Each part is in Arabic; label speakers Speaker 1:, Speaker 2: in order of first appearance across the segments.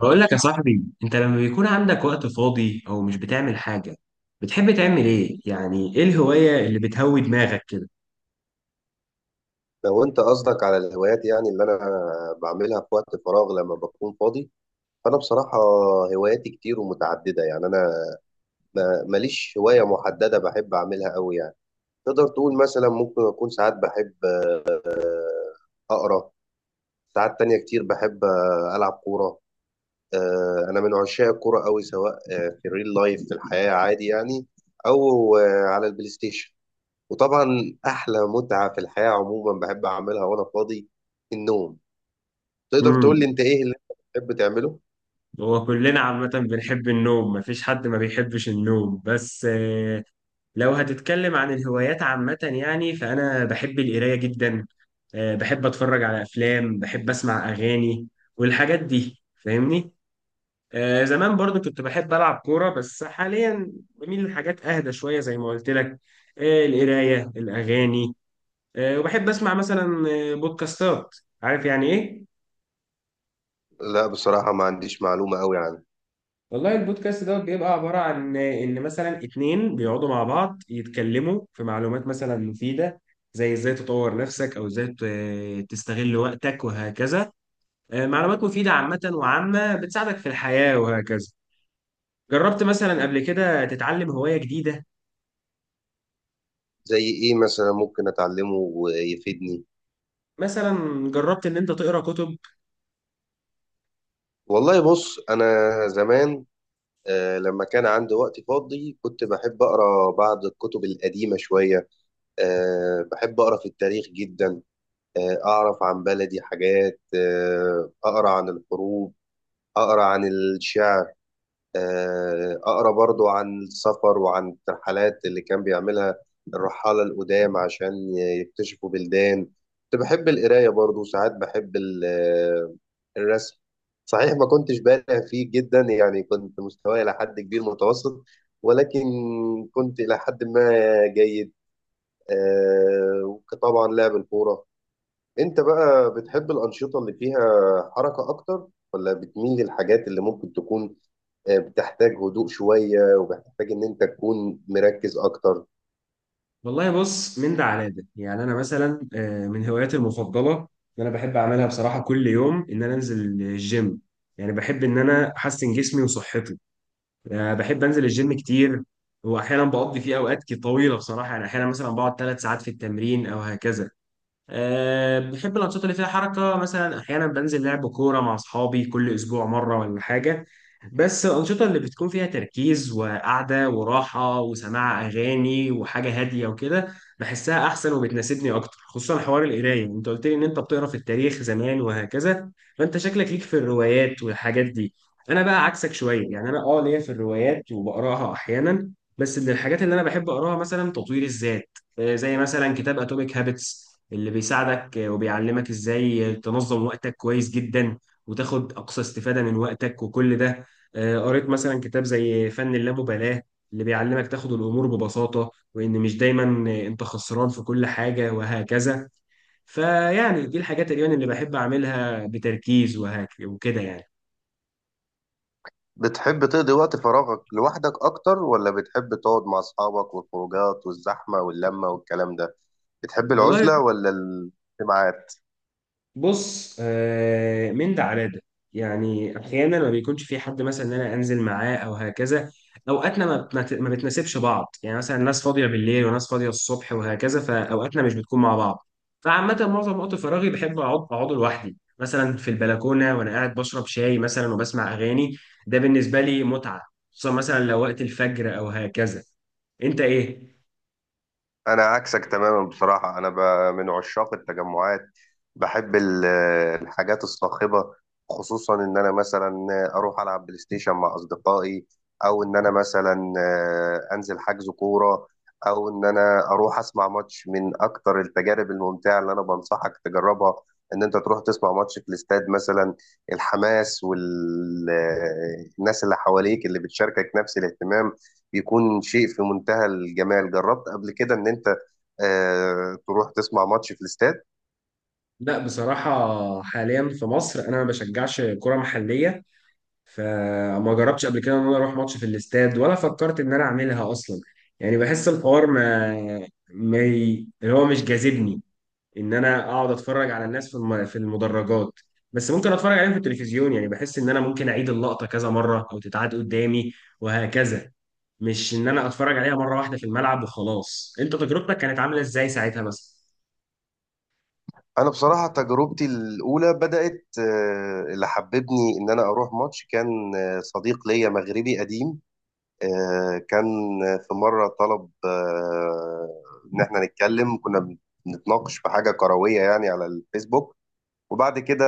Speaker 1: بقول لك يا صاحبي، انت لما بيكون عندك وقت فاضي او مش بتعمل حاجة، بتحب تعمل ايه؟ يعني ايه الهواية اللي بتهوي دماغك كده؟
Speaker 2: لو انت قصدك على الهوايات، يعني اللي انا بعملها في وقت فراغ لما بكون فاضي، فانا بصراحة هواياتي كتير ومتعددة. يعني انا ماليش هواية محددة بحب اعملها قوي. يعني تقدر تقول مثلا ممكن اكون ساعات بحب اقرا، ساعات تانية كتير بحب العب كورة. انا من عشاق الكورة قوي، سواء في الريل لايف، في الحياة، عادي يعني، او على البلاي ستيشن. وطبعا احلى متعة في الحياة عموما بحب اعملها وانا فاضي، النوم. تقدر
Speaker 1: امم
Speaker 2: تقول لي انت ايه اللي انت بتحب تعمله؟
Speaker 1: هو كلنا عامة بنحب النوم، مفيش حد ما بيحبش النوم. بس لو هتتكلم عن الهوايات عامة، يعني فانا بحب القراية جدا. بحب اتفرج على افلام، بحب اسمع اغاني والحاجات دي، فاهمني؟ زمان برضو كنت بحب ألعب كورة، بس حاليا بميل لحاجات أهدى شوية زي ما قلت لك. القراية، الأغاني. وبحب أسمع مثلا بودكاستات. عارف يعني إيه؟
Speaker 2: لا بصراحة ما عنديش معلومة قوي عنه.
Speaker 1: والله البودكاست دوت بيبقى عبارة عن إن مثلا اتنين بيقعدوا مع بعض يتكلموا في معلومات مثلا مفيدة، زي إزاي تطور نفسك أو إزاي تستغل وقتك وهكذا. معلومات مفيدة عامة، وعامة بتساعدك في الحياة وهكذا. جربت مثلا قبل كده تتعلم هواية جديدة؟
Speaker 2: زي ايه مثلا ممكن اتعلمه ويفيدني؟
Speaker 1: مثلا جربت ان انت تقرا كتب؟
Speaker 2: والله بص، انا زمان لما كان عندي وقت فاضي كنت بحب اقرا بعض الكتب القديمة شوية. بحب اقرا في التاريخ جدا، اعرف عن بلدي حاجات، اقرا عن الحروب، اقرا عن الشعر، اقرا برضو عن السفر وعن الترحلات اللي كان بيعملها الرحالة القدام عشان يكتشفوا بلدان. كنت بحب القراية برضو، وساعات بحب الرسم. صحيح ما كنتش بالغ فيه جدا، يعني كنت مستواي إلى حد كبير متوسط، ولكن كنت إلى حد ما جيد. آه، وطبعا لعب الكورة. أنت بقى بتحب الأنشطة اللي فيها حركة أكتر، ولا بتميل للحاجات اللي ممكن تكون بتحتاج هدوء شوية وبتحتاج إن أنت تكون مركز أكتر؟
Speaker 1: والله بص، من ده على ده. يعني انا مثلا من هواياتي المفضله ان انا بحب اعملها بصراحه كل يوم ان انا انزل الجيم، يعني بحب ان انا احسن جسمي وصحتي. بحب انزل الجيم كتير، واحيانا بقضي فيه اوقات كتير طويله بصراحه. يعني احيانا مثلا بقعد 3 ساعات في التمرين او هكذا. بحب الأنشطة اللي فيها حركة. مثلا أحيانا بنزل لعب كورة مع أصحابي كل أسبوع مرة ولا حاجة. بس الأنشطة اللي بتكون فيها تركيز وقعدة وراحة وسماع أغاني وحاجة هادية وكده، بحسها أحسن وبتناسبني أكتر. خصوصا حوار القراية، أنت قلت لي إن أنت بتقرأ في التاريخ زمان وهكذا، فأنت شكلك ليك في الروايات والحاجات دي. أنا بقى عكسك شوية، يعني أنا ليا في الروايات وبقرأها أحيانا، بس من الحاجات اللي أنا بحب أقرأها مثلا تطوير الذات. زي مثلا كتاب اتوميك هابتس، اللي بيساعدك وبيعلمك ازاي تنظم وقتك كويس جدا وتاخد اقصى استفادة من وقتك وكل ده. قريت مثلا كتاب زي فن اللامبالاة، اللي بيعلمك تاخد الامور ببساطة وان مش دايما انت خسران في كل حاجة وهكذا. فيعني دي الحاجات اليوم اللي بحب اعملها بتركيز وكده يعني.
Speaker 2: بتحب تقضي وقت فراغك لوحدك أكتر، ولا بتحب تقعد مع أصحابك والخروجات والزحمة واللمة والكلام ده؟ بتحب
Speaker 1: والله
Speaker 2: العزلة ولا الاجتماعات؟
Speaker 1: بص، من ده على ده. يعني احيانا ما بيكونش في حد مثلا ان انا انزل معاه او هكذا، اوقاتنا ما بتناسبش بعض. يعني مثلا ناس فاضيه بالليل وناس فاضيه الصبح وهكذا، فاوقاتنا مش بتكون مع بعض. فعامه معظم وقت فراغي بحب اقعد اقعده لوحدي، مثلا في البلكونه وانا قاعد بشرب شاي مثلا وبسمع اغاني. ده بالنسبه لي متعه، خصوصا مثلا لو وقت الفجر او هكذا. انت ايه؟
Speaker 2: انا عكسك تماما بصراحه. انا من عشاق التجمعات، بحب الحاجات الصاخبه. خصوصا ان انا مثلا اروح العب بلاي ستيشن مع اصدقائي، او ان انا مثلا انزل حجز كوره، او ان انا اروح اسمع ماتش. من اكتر التجارب الممتعه اللي انا بنصحك تجربها ان انت تروح تسمع ماتش في الاستاد مثلا. الحماس والناس اللي حواليك اللي بتشاركك نفس الاهتمام بيكون شيء في منتهى الجمال. جربت قبل كده ان انت تروح تسمع ماتش في الاستاد؟
Speaker 1: لا بصراحه حاليا في مصر انا ما بشجعش كره محليه، فما جربتش قبل كده ان انا اروح ماتش في الاستاد، ولا فكرت ان انا اعملها اصلا. يعني بحس الحوار ما ما ي- اللي هو مش جاذبني ان انا اقعد اتفرج على الناس في في المدرجات. بس ممكن اتفرج عليهم في التلفزيون، يعني بحس ان انا ممكن اعيد اللقطة كذا مرة او تتعاد قدامي وهكذا، مش ان انا اتفرج عليها مرة واحدة في الملعب وخلاص. انت تجربتك كانت عاملة ازاي ساعتها مثلا؟
Speaker 2: انا بصراحة تجربتي الاولى بدأت، اللي حببني ان انا اروح ماتش كان صديق ليا مغربي قديم. كان في مرة طلب ان احنا نتكلم. كنا بنتناقش في حاجة كروية يعني على الفيسبوك، وبعد كده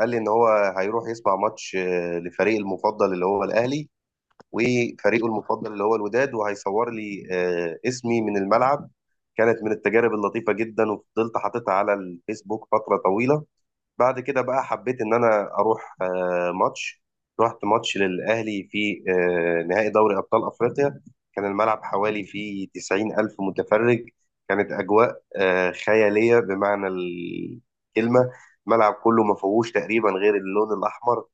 Speaker 2: قال لي ان هو هيروح يسمع ماتش لفريق المفضل اللي هو الاهلي، وفريقه المفضل اللي هو الوداد، وهيصور لي اسمي من الملعب. كانت من التجارب اللطيفة جدا، وفضلت حاططها على الفيسبوك فترة طويلة. بعد كده بقى حبيت ان انا اروح ماتش. رحت ماتش للاهلي في نهائي دوري ابطال افريقيا. كان الملعب حوالي فيه 90 الف متفرج. كانت اجواء خياليه بمعنى الكلمه. الملعب كله ما فيهوش تقريبا غير اللون الاحمر.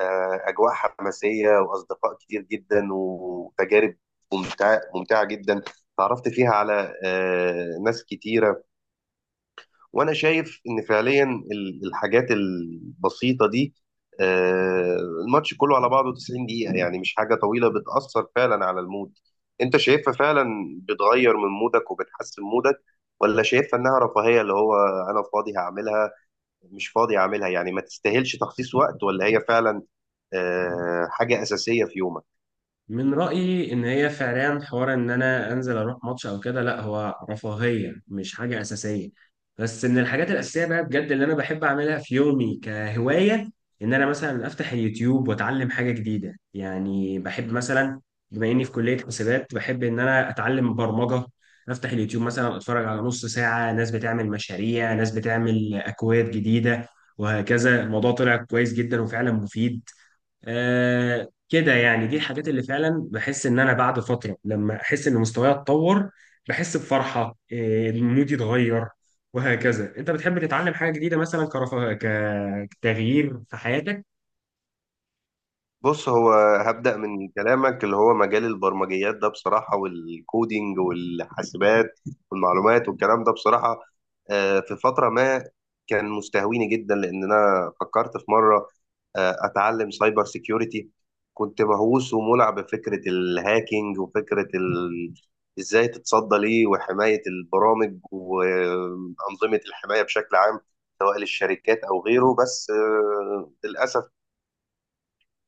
Speaker 2: اجواء حماسيه واصدقاء كتير جدا وتجارب ممتعه ممتعه جدا. تعرفت فيها على ناس كتيره. وانا شايف ان فعليا الحاجات البسيطه دي، آه، الماتش كله على بعضه 90 دقيقه، يعني مش حاجه طويله، بتاثر فعلا على المود. انت شايفها فعلا بتغير من مودك وبتحسن مودك، ولا شايفها انها رفاهيه، اللي هو انا فاضي هعملها، مش فاضي هعملها، يعني ما تستاهلش تخصيص وقت، ولا هي فعلا حاجه اساسيه في يومك؟
Speaker 1: من رأيي إن هي فعليا حوار إن أنا أنزل أروح ماتش أو كده، لا هو رفاهية مش حاجة أساسية. بس من الحاجات الأساسية بقى بجد اللي أنا بحب أعملها في يومي كهواية، إن أنا مثلا أفتح اليوتيوب وأتعلم حاجة جديدة. يعني بحب مثلا، بما إني في كلية حسابات، بحب إن أنا أتعلم برمجة. أفتح اليوتيوب مثلا أتفرج على نص ساعة ناس بتعمل مشاريع، ناس بتعمل أكواد جديدة وهكذا. الموضوع طلع كويس جدا وفعلا مفيد. كده يعني دي الحاجات اللي فعلا بحس ان انا بعد فتره لما احس ان مستواي اتطور، بحس بفرحه، مودي اتغير وهكذا. انت بتحب تتعلم حاجه جديده مثلا كرفا كتغيير في حياتك؟
Speaker 2: بص، هو هبدأ من كلامك اللي هو مجال البرمجيات ده بصراحة، والكودينج والحاسبات والمعلومات والكلام ده. بصراحة في فترة ما كان مستهويني جدا، لأن أنا فكرت في مرة أتعلم سايبر سيكيورتي. كنت مهووس ومولع بفكرة الهاكينج، وفكرة إزاي تتصدى ليه، وحماية البرامج وأنظمة الحماية بشكل عام، سواء للشركات أو غيره. بس للأسف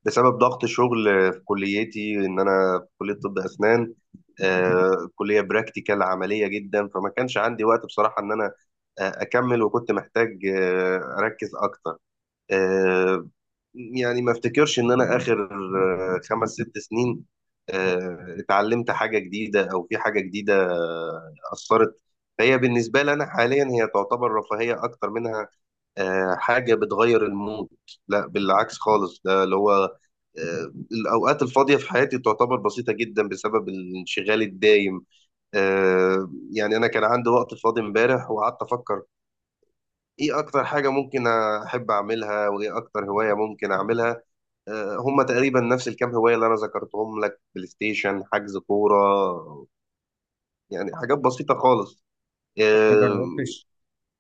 Speaker 2: بسبب ضغط شغل في كليتي، ان انا في كليه طب اسنان، كليه براكتيكال عمليه جدا، فما كانش عندي وقت بصراحه ان انا اكمل، وكنت محتاج اركز اكتر. آه، يعني ما افتكرش ان انا اخر 5 6 سنين اتعلمت حاجه جديده او في حاجه جديده اثرت. فهي بالنسبه لي انا حاليا هي تعتبر رفاهيه اكتر منها حاجة بتغير المود. لا بالعكس خالص، ده اللي هو الأوقات الفاضية في حياتي تعتبر بسيطة جدا بسبب الانشغال الدايم. يعني أنا كان عندي وقت فاضي امبارح، وقعدت أفكر إيه أكتر حاجة ممكن أحب أعملها، وإيه أكتر هواية ممكن أعملها. هما تقريبا نفس الكام هواية اللي أنا ذكرتهم لك، بلاي ستيشن، حجز كورة، يعني حاجات بسيطة خالص.
Speaker 1: ما
Speaker 2: آه،
Speaker 1: جربتش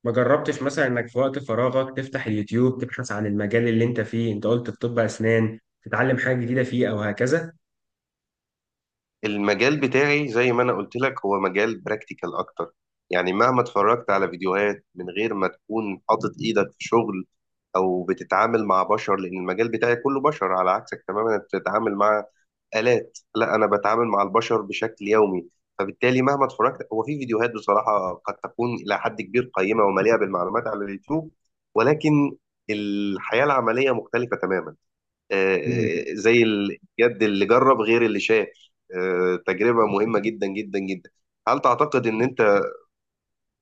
Speaker 1: ما جربتش مثلا انك في وقت فراغك تفتح اليوتيوب تبحث عن المجال اللي انت فيه؟ انت قلت في طب اسنان، تتعلم حاجه جديده فيه او هكذا.
Speaker 2: المجال بتاعي زي ما انا قلت لك هو مجال براكتيكال اكتر. يعني مهما اتفرجت على فيديوهات من غير ما تكون حاطط ايدك في شغل، او بتتعامل مع بشر، لان المجال بتاعي كله بشر. على عكسك تماما، انت بتتعامل مع آلات، لا انا بتعامل مع البشر بشكل يومي. فبالتالي مهما اتفرجت، هو في فيديوهات بصراحة قد تكون الى حد كبير قيمة ومليئة بالمعلومات على اليوتيوب، ولكن الحياة العملية مختلفة تماما. زي الجد اللي جرب غير اللي شاف. تجربة مهمة جدا جدا جدا. هل تعتقد ان انت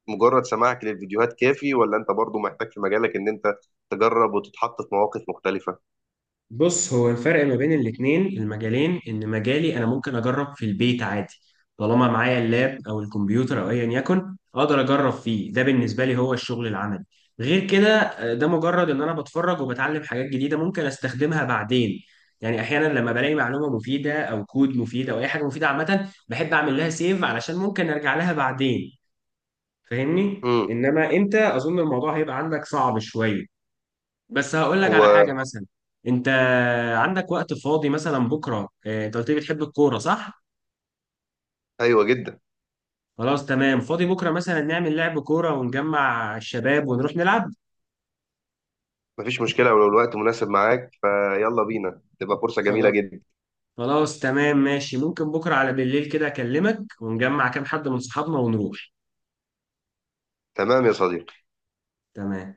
Speaker 2: مجرد سماعك للفيديوهات كافي، ولا انت برضو محتاج في مجالك ان انت تجرب وتتحط في مواقف مختلفة؟
Speaker 1: بص، هو الفرق ما بين الاتنين المجالين ان مجالي انا ممكن اجرب في البيت عادي، طالما معايا اللاب او الكمبيوتر او ايا يكن اقدر اجرب فيه. ده بالنسبه لي هو الشغل العملي. غير كده ده مجرد ان انا بتفرج وبتعلم حاجات جديده ممكن استخدمها بعدين. يعني احيانا لما بلاقي معلومه مفيده او كود مفيد او اي حاجه مفيده عامه، بحب اعمل لها سيف علشان ممكن ارجع لها بعدين، فاهمني؟
Speaker 2: امم،
Speaker 1: انما انت اظن الموضوع هيبقى عندك صعب شويه. بس هقول لك على حاجة
Speaker 2: هو،
Speaker 1: مثلا. انت عندك وقت فاضي مثلا بكرة؟ انت قلت لي بتحب الكورة صح؟
Speaker 2: ايوه جدا.
Speaker 1: خلاص تمام، فاضي بكرة مثلا نعمل لعب كورة ونجمع الشباب ونروح نلعب.
Speaker 2: مفيش مشكلة، ولو الوقت مناسب معاك فيلا بينا، تبقى فرصة جميلة
Speaker 1: خلاص.
Speaker 2: جدا.
Speaker 1: خلاص تمام ماشي، ممكن بكرة على بالليل كده اكلمك ونجمع كام حد من صحابنا ونروح.
Speaker 2: تمام يا صديقي.
Speaker 1: تمام.